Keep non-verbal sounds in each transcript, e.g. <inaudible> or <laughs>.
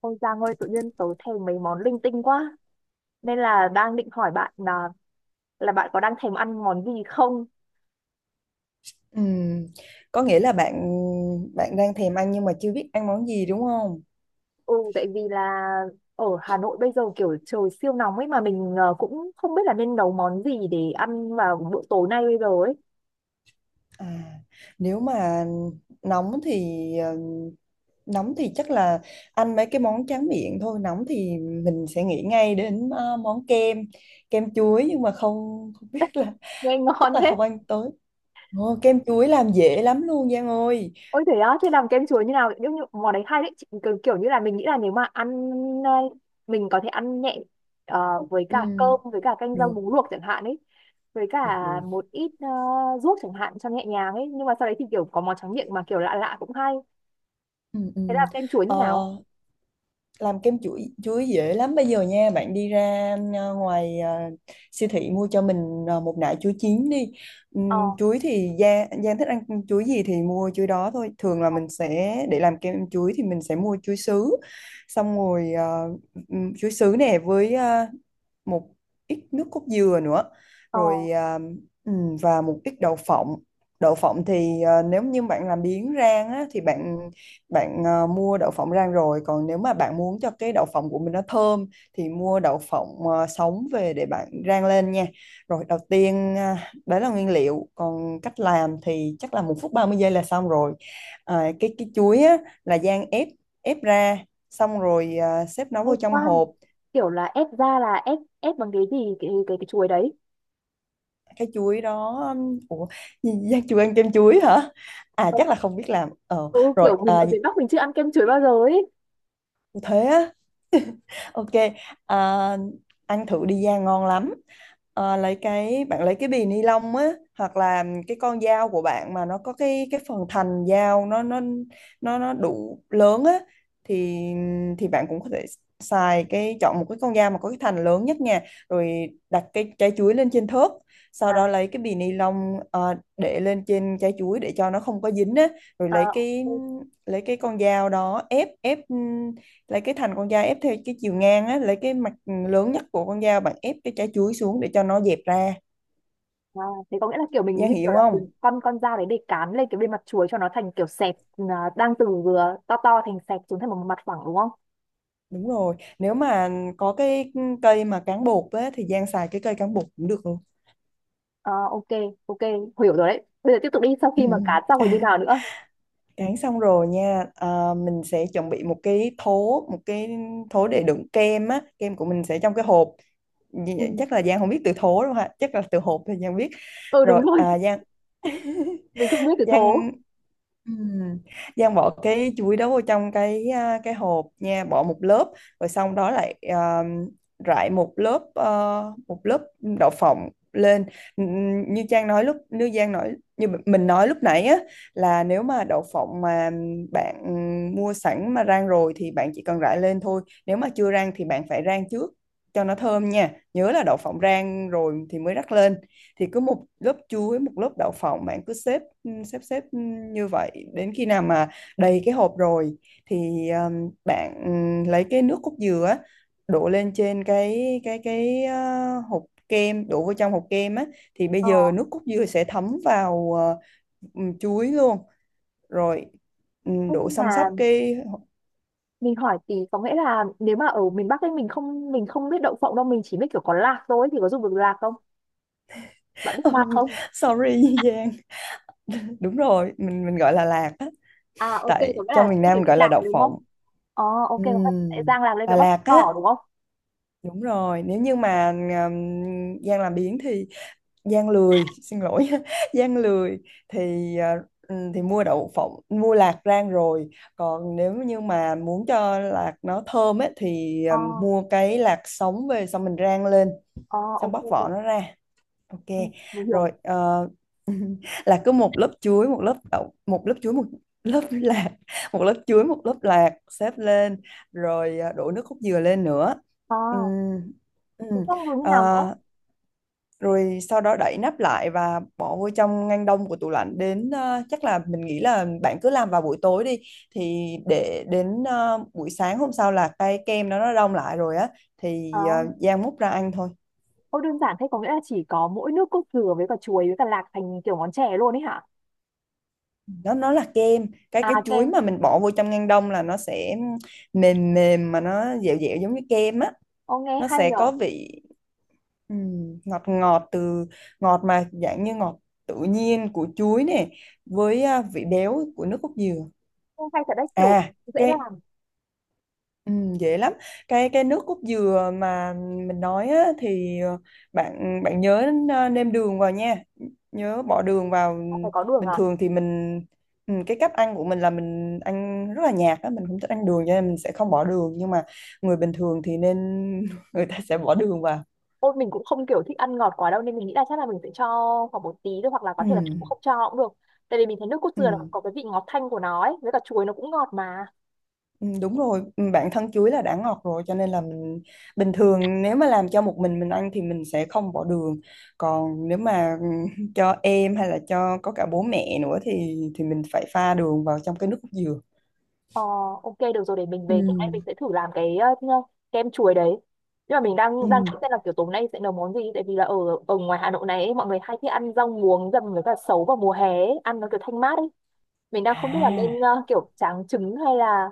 Ôi Giang ơi, tự nhiên tớ thèm mấy món linh tinh quá. Nên là đang định hỏi bạn là bạn có đang thèm ăn món gì không? Ừm, Có nghĩa là bạn bạn đang thèm ăn nhưng mà chưa biết ăn món gì đúng không? Ừ, tại vì là ở Hà Nội bây giờ kiểu trời siêu nóng ấy mà mình cũng không biết là nên nấu món gì để ăn vào bữa tối nay bây giờ ấy. À, nếu mà nóng thì ờ, nóng thì chắc là ăn mấy cái món tráng miệng thôi. Nóng thì mình sẽ nghĩ ngay đến món kem chuối nhưng mà không không biết là Nghe chắc ngon là thế. không ăn tới. Ồ, kem chuối làm dễ lắm luôn Giang ơi. Ôi thế á, thế làm kem chuối như nào? Nhưng như, món đấy hay đấy, chị, kiểu, kiểu như là mình nghĩ là nếu mà ăn ờ, mình có thể ăn nhẹ với cả Ừm, cơm với cả canh rau được, muống luộc chẳng hạn ấy, với được, cả được. một ít ruốc chẳng hạn cho nhẹ nhàng ấy, nhưng mà sau đấy thì kiểu có món tráng miệng mà kiểu lạ lạ cũng hay. Ừm, Thế ừm. là kem chuối như Ờ, nào? làm kem chuối chuối dễ lắm bây giờ nha. Bạn đi ra siêu thị mua cho mình một nải chuối chín đi. Ờ Chuối thì Giang Giang thích ăn chuối gì thì mua chuối đó thôi. Thường là mình sẽ để làm kem chuối thì mình sẽ mua chuối sứ, xong rồi chuối sứ nè với một ít nước cốt dừa nữa, ờ rồi và một ít đậu phộng. Đậu phộng thì nếu như bạn làm biếng rang á, thì bạn bạn à, mua đậu phộng rang rồi, còn nếu mà bạn muốn cho cái đậu phộng của mình nó thơm thì mua đậu phộng sống về để bạn rang lên nha. Rồi đầu tiên đấy là nguyên liệu, còn cách làm thì chắc là 1 phút 30 giây là xong rồi. Cái chuối á, là rang, ép ép ra, xong rồi xếp nó hay vô trong khoan. hộp. Kiểu là ép ra là ép ép bằng cái gì cái chuối đấy. Cái chuối đó ủa, Giang chưa ăn kem chuối hả? Chắc là không biết làm. Ờ Ừ, kiểu rồi mình à, ở miền Bắc mình chưa ăn kem chuối bao giờ ấy. Thế á? <laughs> Ok, à, ăn thử đi Giang, ngon lắm. À, lấy cái bạn lấy cái bì ni lông á, hoặc là cái con dao của bạn mà nó có cái phần thành dao, nó đủ lớn á, thì thì bạn cũng có thể xài cái chọn một cái con dao mà có cái thành lớn nhất nha. Rồi đặt cái trái chuối lên trên thớt, sau À, đó lấy cái bì ni lông à, để lên trên trái chuối để cho nó không có dính á, rồi lấy à, cái ok. lấy cái con dao đó, ép ép, lấy cái thành con dao ép theo cái chiều ngang á, lấy cái mặt lớn nhất của con dao, bạn ép cái trái chuối xuống để cho nó dẹp ra. À, thế có nghĩa là kiểu mình Giang như kiểu hiểu là không? dùng con dao đấy để cán lên cái bên mặt chuối cho nó thành kiểu sẹp, à, đang từ vừa to to thành sẹp xuống thành một mặt phẳng đúng không? Đúng rồi, nếu mà có cái cây mà cán bột á thì Giang xài cái cây cán bột cũng được luôn. À ok, ok, hiểu rồi đấy. Bây giờ tiếp tục đi, sau Ừ. khi mà cán xong rồi như <laughs> nào nữa? Cán xong rồi nha. Mình sẽ chuẩn bị một cái thố, để đựng kem á, kem của mình sẽ trong cái hộp. Ừ, Chắc là Giang không biết từ thố đâu ha, chắc là từ hộp thì Giang biết. ừ đúng Rồi rồi. Giang, <laughs> Mình không biết từ thố. Giang Ừ. Giang bỏ cái chuối đó vô trong cái hộp nha, bỏ một lớp, rồi xong đó lại rải một lớp đậu phộng lên. Như Trang nói lúc như Giang nói như mình nói lúc nãy á, là nếu mà đậu phộng mà bạn mua sẵn mà rang rồi thì bạn chỉ cần rải lên thôi, nếu mà chưa rang thì bạn phải rang trước cho nó thơm nha, nhớ là đậu phộng rang rồi thì mới rắc lên. Thì cứ một lớp chuối một lớp đậu phộng, bạn cứ xếp, ừ, xếp xếp ừ, như vậy đến khi nào mà đầy cái hộp rồi thì bạn lấy cái nước cốt dừa á, đổ lên trên hộp kem, đổ vào trong hộp kem á, thì bây Ờ, giờ nước cốt dừa sẽ thấm vào chuối luôn. Rồi thế đổ nhưng xăm mà xắp cái mình hỏi tí, có nghĩa là nếu mà ở miền Bắc ấy mình không biết đậu phộng đâu, mình chỉ biết kiểu có lạc thôi thì có dùng được lạc không? Bạn biết lạc không? <laughs> sorry Giang, đúng rồi, mình gọi là lạc á, À ok, có tại nghĩa là trong miền các Nam cái mình viên gọi là lạc đậu này đúng không? phộng. Ờ ok, có nghĩa là sẽ Ừm, rang lạc lên Đà với bắp Lạt á? cỏ đúng không? Đúng rồi, nếu như mà Giang làm biếng thì Giang lười, xin lỗi, <laughs> Giang lười, thì thì mua đậu phộng, mua lạc rang rồi. Còn nếu như mà muốn cho lạc nó thơm ấy, thì Ờ. Mua cái lạc sống về xong mình rang lên, Ờ, xong ok, bóc vỏ ok, nó ra. Ok, ừ, mình hiểu. rồi <laughs> là cứ một lớp chuối, một lớp đậu, một lớp chuối, một lớp <laughs> lạc, một lớp chuối, một lớp lạc xếp lên, rồi đổ nước cốt dừa lên nữa. Ờ, Ừm, thế ừm, xong rồi như nào nữa? ờ, Rồi sau đó đậy nắp lại và bỏ vô trong ngăn đông của tủ lạnh đến chắc là mình nghĩ là bạn cứ làm vào buổi tối đi thì để đến buổi sáng hôm sau là cái kem nó đông lại rồi á, thì Ờ, rang múc ra ăn thôi. ô đơn giản thế, có nghĩa là chỉ có mỗi nước cốt dừa với cả chuối với cả lạc thành kiểu món chè luôn ấy hả? Nó là kem, cái À, cái chuối kem. mà mình bỏ vô trong ngăn đông là nó sẽ mềm mềm mà nó dẻo dẻo giống như kem á, Ô, nghe nó hay sẽ nhở. có vị ngọt ngọt, từ ngọt mà dạng như ngọt tự nhiên của chuối nè, với vị béo của nước cốt dừa. Ô, hay thật đấy, kiểu À dễ cái làm. Ừ, dễ lắm. Cái nước cốt dừa mà mình nói á, thì bạn bạn nhớ nêm đường vào nha, nhớ bỏ đường vào. Ờ, phải có đường Bình à? thường thì mình, cái cách ăn của mình là mình ăn rất là nhạt á, mình không thích ăn đường cho nên mình sẽ không bỏ đường, nhưng mà người bình thường thì nên, <laughs> người ta sẽ bỏ đường vào. Ôi mình cũng không kiểu thích ăn ngọt quá đâu nên mình nghĩ là chắc là mình sẽ cho khoảng một tí thôi, hoặc là có thể là Ừ, cũng không cho cũng được. Tại vì mình thấy nước cốt dừa nó ừ. có cái vị ngọt thanh của nó ấy, với cả chuối nó cũng ngọt mà. Ừ, đúng rồi. Ừ, bản thân chuối là đã ngọt rồi, cho nên là mình bình thường nếu mà làm cho một mình ăn thì mình sẽ không bỏ đường, còn nếu mà <laughs> cho em hay là cho có cả bố mẹ nữa thì mình phải pha đường vào trong cái nước cốt dừa. Ờ, ok được rồi, để mình về tối nay mình Ừ, sẽ thử làm cái kem chuối đấy. Nhưng mà mình đang đang nghĩ xem ừ. là kiểu tối nay sẽ nấu món gì, tại vì là ở ở ngoài Hà Nội này ấy, mọi người hay thích ăn rau muống dầm với cả sấu vào mùa hè ấy, ăn nó kiểu thanh mát ấy. Mình đang không biết là À. nên kiểu tráng trứng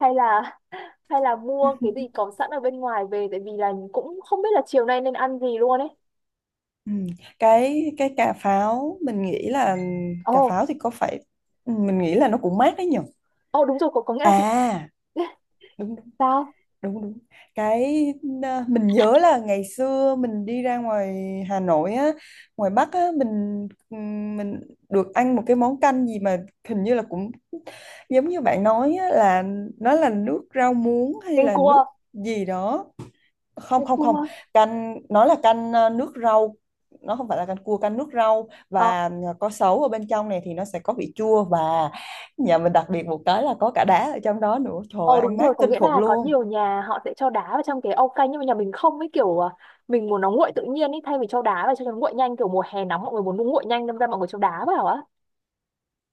hay là <laughs> hay là mua cái gì <laughs> có sẵn ở bên ngoài về, tại vì là cũng không biết là chiều nay nên ăn gì luôn ấy. Ừ. cái cà pháo mình nghĩ là, ừ, cà Ồ, pháo thì có phải ừ, mình nghĩ là nó cũng mát đấy nhỉ. ồ đúng rồi, có nghĩa là cái à <laughs> Đúng sao? đúng đúng. cái mình nhớ là ngày xưa mình đi ra ngoài Hà Nội á, ngoài Bắc á, mình được ăn một cái món canh gì mà hình như là cũng giống như bạn nói á, là nó là nước rau muống hay Canh là cua, nước gì đó. Không, canh không, không, cua. canh nó là canh nước rau, nó không phải là canh cua, canh nước rau, Ờ, và có sấu ở bên trong này thì nó sẽ có vị chua, và nhà mình đặc biệt một cái là có cả đá ở trong đó nữa. Trời ờ ơi, đúng ăn mát rồi, có kinh nghĩa khủng là có luôn. nhiều nhà họ sẽ cho đá vào trong cái ao canh, nhưng mà nhà mình không ấy, kiểu à, mình muốn nó nguội tự nhiên ấy thay vì cho đá vào cho nó nguội nhanh, kiểu mùa hè nóng mọi người muốn nó nguội nhanh nên ra mọi người cho đá vào á.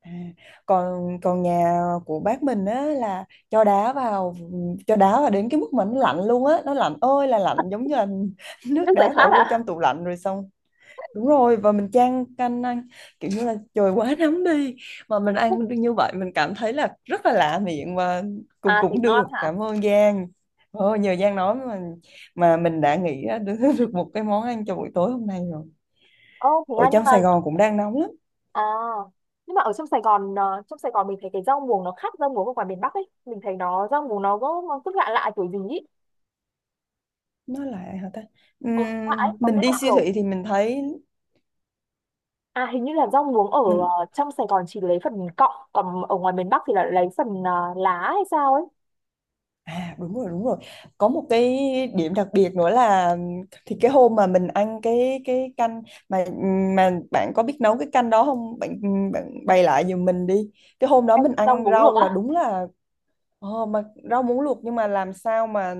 À, còn còn nhà của bác mình á là cho đá vào cho đá vào đến cái mức mà nó lạnh luôn á, nó lạnh ơi là lạnh, giống như là <laughs> nước Nước giải đá bỏ khát vô à? trong tủ lạnh rồi xong. Đúng rồi, và mình chan canh ăn, kiểu như là trời quá nóng đi mà mình ăn <laughs> như vậy, mình cảm thấy là rất là lạ miệng, và cũng À thì cũng được. ngon hả? Cảm ơn Giang. Ồ, nhờ Giang nói mà mình đã nghĩ ra được, <laughs> được một cái món ăn cho buổi tối hôm nay rồi. Ô thế à, Ở nhưng trong mà Sài Gòn cũng đang nóng lắm. à nhưng mà ở trong Sài Gòn trong Sài Gòn mình thấy cái rau muống nó khác rau muống ở ngoài miền Bắc ấy. Mình thấy nó rau muống nó có nó cứ lạ lạ kiểu gì ấy. Nó là hả ta? Ừ, lạ ấy, có Mình nghĩa là đi siêu kiểu thị thì mình thấy à hình như là rau muống ở mình. Trong Sài Gòn chỉ lấy phần cọng, còn ở ngoài miền Bắc thì là lấy phần lá hay sao ấy. Đúng rồi, đúng rồi, có một cái điểm đặc biệt nữa là, thì cái hôm mà mình ăn cái canh mà mà bạn có biết nấu cái canh đó không bạn? Bạn bày lại giùm mình đi. Cái hôm đó Anh mình rau ăn muống luộc rau là á. đúng là mà rau muống luộc, nhưng mà làm sao mà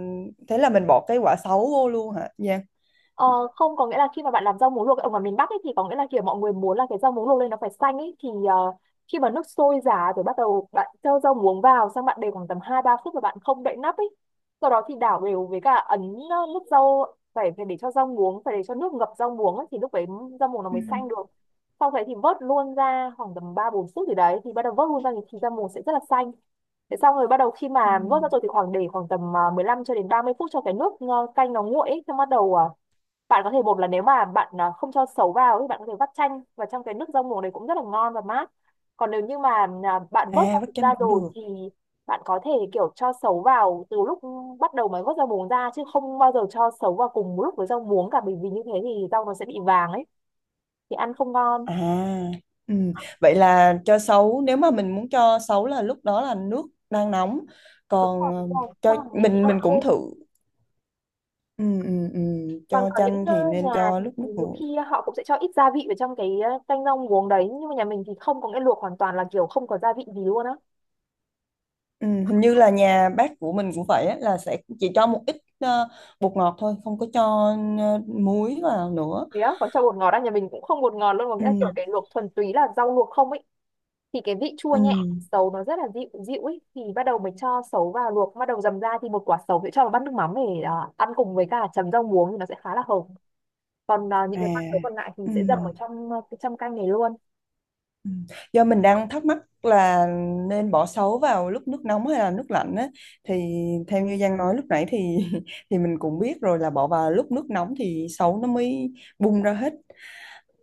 thế là mình bỏ cái quả sấu vô luôn hả? Dạ. Ờ, không, có nghĩa là khi mà bạn làm rau muống luộc ở ngoài miền Bắc ấy, thì có nghĩa là kiểu mọi người muốn là cái rau muống luộc lên nó phải xanh ấy thì khi mà nước sôi giá rồi bắt đầu bạn cho rau muống vào, xong bạn để khoảng tầm 2-3 phút và bạn không đậy nắp ấy, sau đó thì đảo đều với cả ấn nước rau, phải phải để cho rau muống, phải để cho nước ngập rau muống ấy, thì lúc đấy rau muống nó Ừ. mới xanh được. Sau đấy thì vớt luôn ra khoảng tầm 3-4 phút thì đấy thì bắt đầu vớt luôn ra thì rau muống sẽ rất là xanh. Thế xong rồi bắt đầu khi mà vớt ra rồi thì khoảng để khoảng tầm 15 đến 30 phút cho cái nước à, canh nó nguội ấy, xong bắt đầu bạn có thể một là nếu mà bạn à, không cho sấu vào thì bạn có thể vắt chanh và trong cái nước rau muống đấy cũng rất là ngon và mát. Còn nếu như mà à, bạn vớt À, rau vắt muống chanh ra cũng rồi được. thì bạn có thể kiểu cho sấu vào từ lúc bắt đầu mới vớt rau muống ra, chứ không bao giờ cho sấu vào cùng một lúc với rau muống cả, bởi vì như thế thì rau nó sẽ bị vàng ấy, thì ăn không ngon. À, ừ. Vậy là cho sấu, nếu mà mình muốn cho sấu là lúc đó là nước đang nóng, Đúng còn rồi đúng rồi, xong cho rồi mình sẽ mình cũng ok. thử. Ừ, ừ, ừ. Còn Cho có những chanh thì nên nhà cho thì lúc nước nhiều nguội. khi họ cũng sẽ cho ít gia vị vào trong cái canh rau muống đấy, nhưng mà nhà mình thì không, có nghĩa luộc hoàn toàn là kiểu không có gia vị gì luôn á. Ừ. Hình như là nhà bác của mình cũng vậy á, là sẽ chỉ cho một ít bột ngọt thôi, không có cho muối vào nữa. Thế á, còn cho bột ngọt á, nhà mình cũng không bột ngọt luôn, mà nghĩa Ừ, là kiểu cái luộc thuần túy là rau luộc không ấy, thì cái vị chua ừ. nhẹ sấu nó rất là dịu dịu ấy thì bắt đầu mình cho sấu vào luộc bắt đầu dầm ra, thì một quả sấu sẽ cho vào bát nước mắm để à, ăn cùng với cả chấm rau muống thì nó sẽ khá là hợp, còn à, những À, cái quả sấu còn lại thì ừ. sẽ dầm ở trong à, cái trong canh này luôn. Ừ. Do mình đang thắc mắc là nên bỏ sấu vào lúc nước nóng hay là nước lạnh á, thì theo như Giang nói lúc nãy thì <laughs> thì mình cũng biết rồi là bỏ vào lúc nước nóng thì sấu nó mới bung ra hết.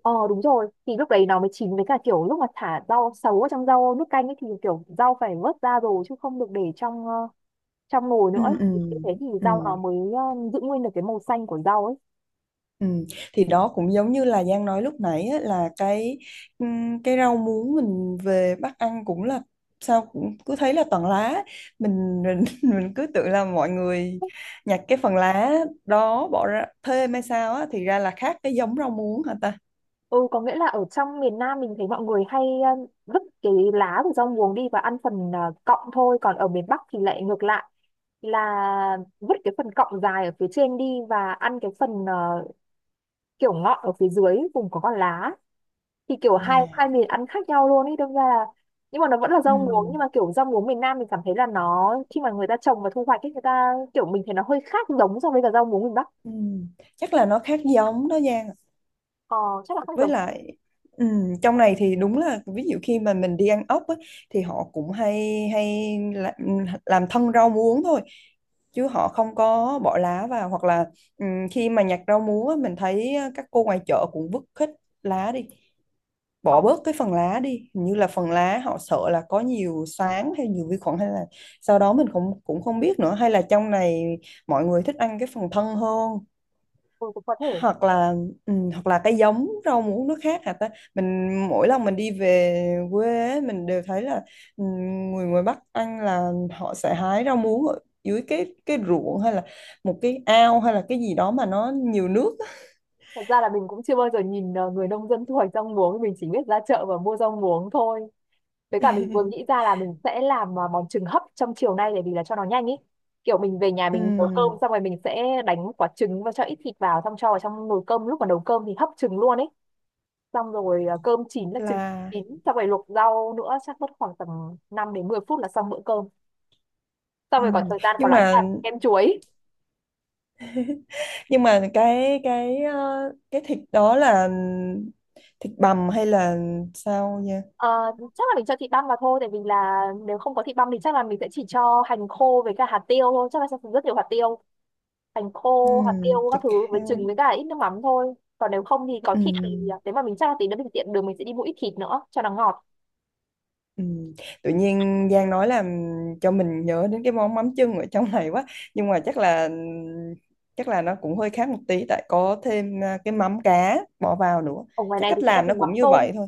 Ờ đúng rồi, thì lúc đấy nó mới chín, với cả kiểu lúc mà thả rau sấu ở trong rau nước canh ấy thì kiểu rau phải vớt ra rồi chứ không được để trong trong nồi nữa Ừ, ấy. ừ, Như thế thì ừ. rau nó mới giữ nguyên được cái màu xanh của rau ấy. Ừ. Thì đó cũng giống như là Giang nói lúc nãy á, là cái rau muống mình về Bắc ăn cũng là, sao cũng cứ thấy là toàn lá, mình <laughs> mình cứ tưởng là mọi người nhặt cái phần lá đó bỏ ra thêm hay sao á, thì ra là khác cái giống rau muống hả ta. Ừ, có nghĩa là ở trong miền Nam mình thấy mọi người hay vứt cái lá của rau muống đi và ăn phần cọng thôi, còn ở miền Bắc thì lại ngược lại, là vứt cái phần cọng dài ở phía trên đi và ăn cái phần kiểu ngọn ở phía dưới vùng có con lá. Thì kiểu à. hai hai miền ăn khác nhau luôn ấy, đâm ra là nhưng mà nó vẫn là rau muống, nhưng Ừm, mà kiểu rau muống miền Nam mình cảm thấy là nó khi mà người ta trồng và thu hoạch ấy người ta kiểu mình thấy nó hơi khác giống so với cả rau muống miền Bắc. ừm. Chắc là nó khác giống đó Giang. Ờ, chắc là khác Với giống. lại trong này thì đúng là, ví dụ khi mà mình đi ăn ốc á, thì họ cũng hay hay làm thân rau muống thôi, chứ họ không có bỏ lá vào, hoặc là khi mà nhặt rau muống á, mình thấy các cô ngoài chợ cũng vứt hết lá đi, Ờ, bỏ bớt cái phần lá đi, hình như là phần lá họ sợ là có nhiều xoáng hay nhiều vi khuẩn hay là, sau đó mình cũng cũng không biết nữa, hay là trong này mọi người thích ăn cái phần thân hơn, ừ, cũng có thể. hoặc là, ừ, hoặc là cái giống rau muống nước khác hả ta. Mình mỗi lần mình đi về quê ấy, mình đều thấy là, ừ, người ngoài Bắc ăn là họ sẽ hái rau muống ở dưới cái ruộng hay là một cái ao hay là cái gì đó mà nó nhiều nước á. Thật ra là mình cũng chưa bao giờ nhìn người nông dân thu hoạch rau muống, mình chỉ biết ra chợ và mua rau muống thôi. Với cả mình vừa nghĩ ra là mình sẽ làm món trứng hấp trong chiều nay để vì là cho nó nhanh ý. Kiểu mình về nhà mình nấu cơm Ừ, xong rồi mình sẽ đánh quả trứng và cho ít thịt vào, xong cho vào trong nồi cơm lúc mà nấu cơm thì hấp trứng luôn ấy. Xong rồi cơm chín là trứng là chín, xong rồi luộc rau nữa chắc mất khoảng tầm 5 đến 10 phút là xong bữa cơm. Xong ừ. rồi còn thời gian còn nhưng lại sẽ mà làm kem chuối. nhưng mà cái thịt đó là thịt bằm hay là sao nha? Ờ, chắc là mình cho thịt băm vào thôi, tại vì là nếu không có thịt băm thì chắc là mình sẽ chỉ cho hành khô với cả hạt tiêu thôi, chắc là sẽ dùng rất nhiều hạt tiêu, hành Ừ, khô hạt tiêu các thịt thứ với heo. trứng với cả ít nước mắm thôi, còn nếu không thì có Ừ. thịt thì à, nếu mà mình chắc là tí nữa mình tiện đường mình sẽ đi mua ít thịt nữa cho nó ngọt. Ừ. Tự nhiên Giang nói là cho mình nhớ đến cái món mắm chưng ở trong này quá, nhưng mà chắc là nó cũng hơi khác một tí, tại có thêm cái mắm cá bỏ vào nữa, Ở ngoài chắc này thì cách sẽ làm nó dùng mắm cũng như tôm. vậy thôi.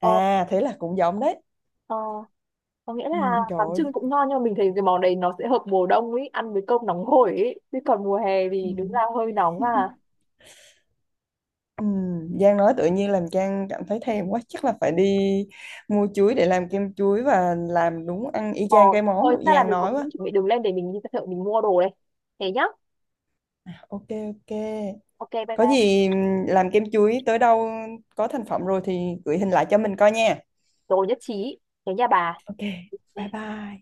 Ờ, À, thế là cũng giống đấy. ờ, có nghĩa Ừ, là trời mắm ơi. chưng cũng ngon, nhưng mà mình thấy cái món đấy nó sẽ hợp mùa đông ấy, ăn với cơm nóng hổi ấy, chứ còn mùa hè Ừ. thì đúng là hơi nóng à. <laughs> Ừ. Giang nói tự nhiên làm Trang cảm thấy thèm quá, chắc là phải đi mua chuối để làm kem chuối và làm, đúng ăn y Ờ, chang cái món thôi của chắc là Giang mình nói quá. cũng chuẩn bị đường lên để mình đi ra chợ mình mua đồ đây, thế nhá. Ok, ok. Ok bye Có bye. gì làm kem chuối tới đâu, có thành phẩm rồi thì gửi hình lại cho mình coi nha. Rồi, nhất trí, thế nha bà. Ok, bye bye.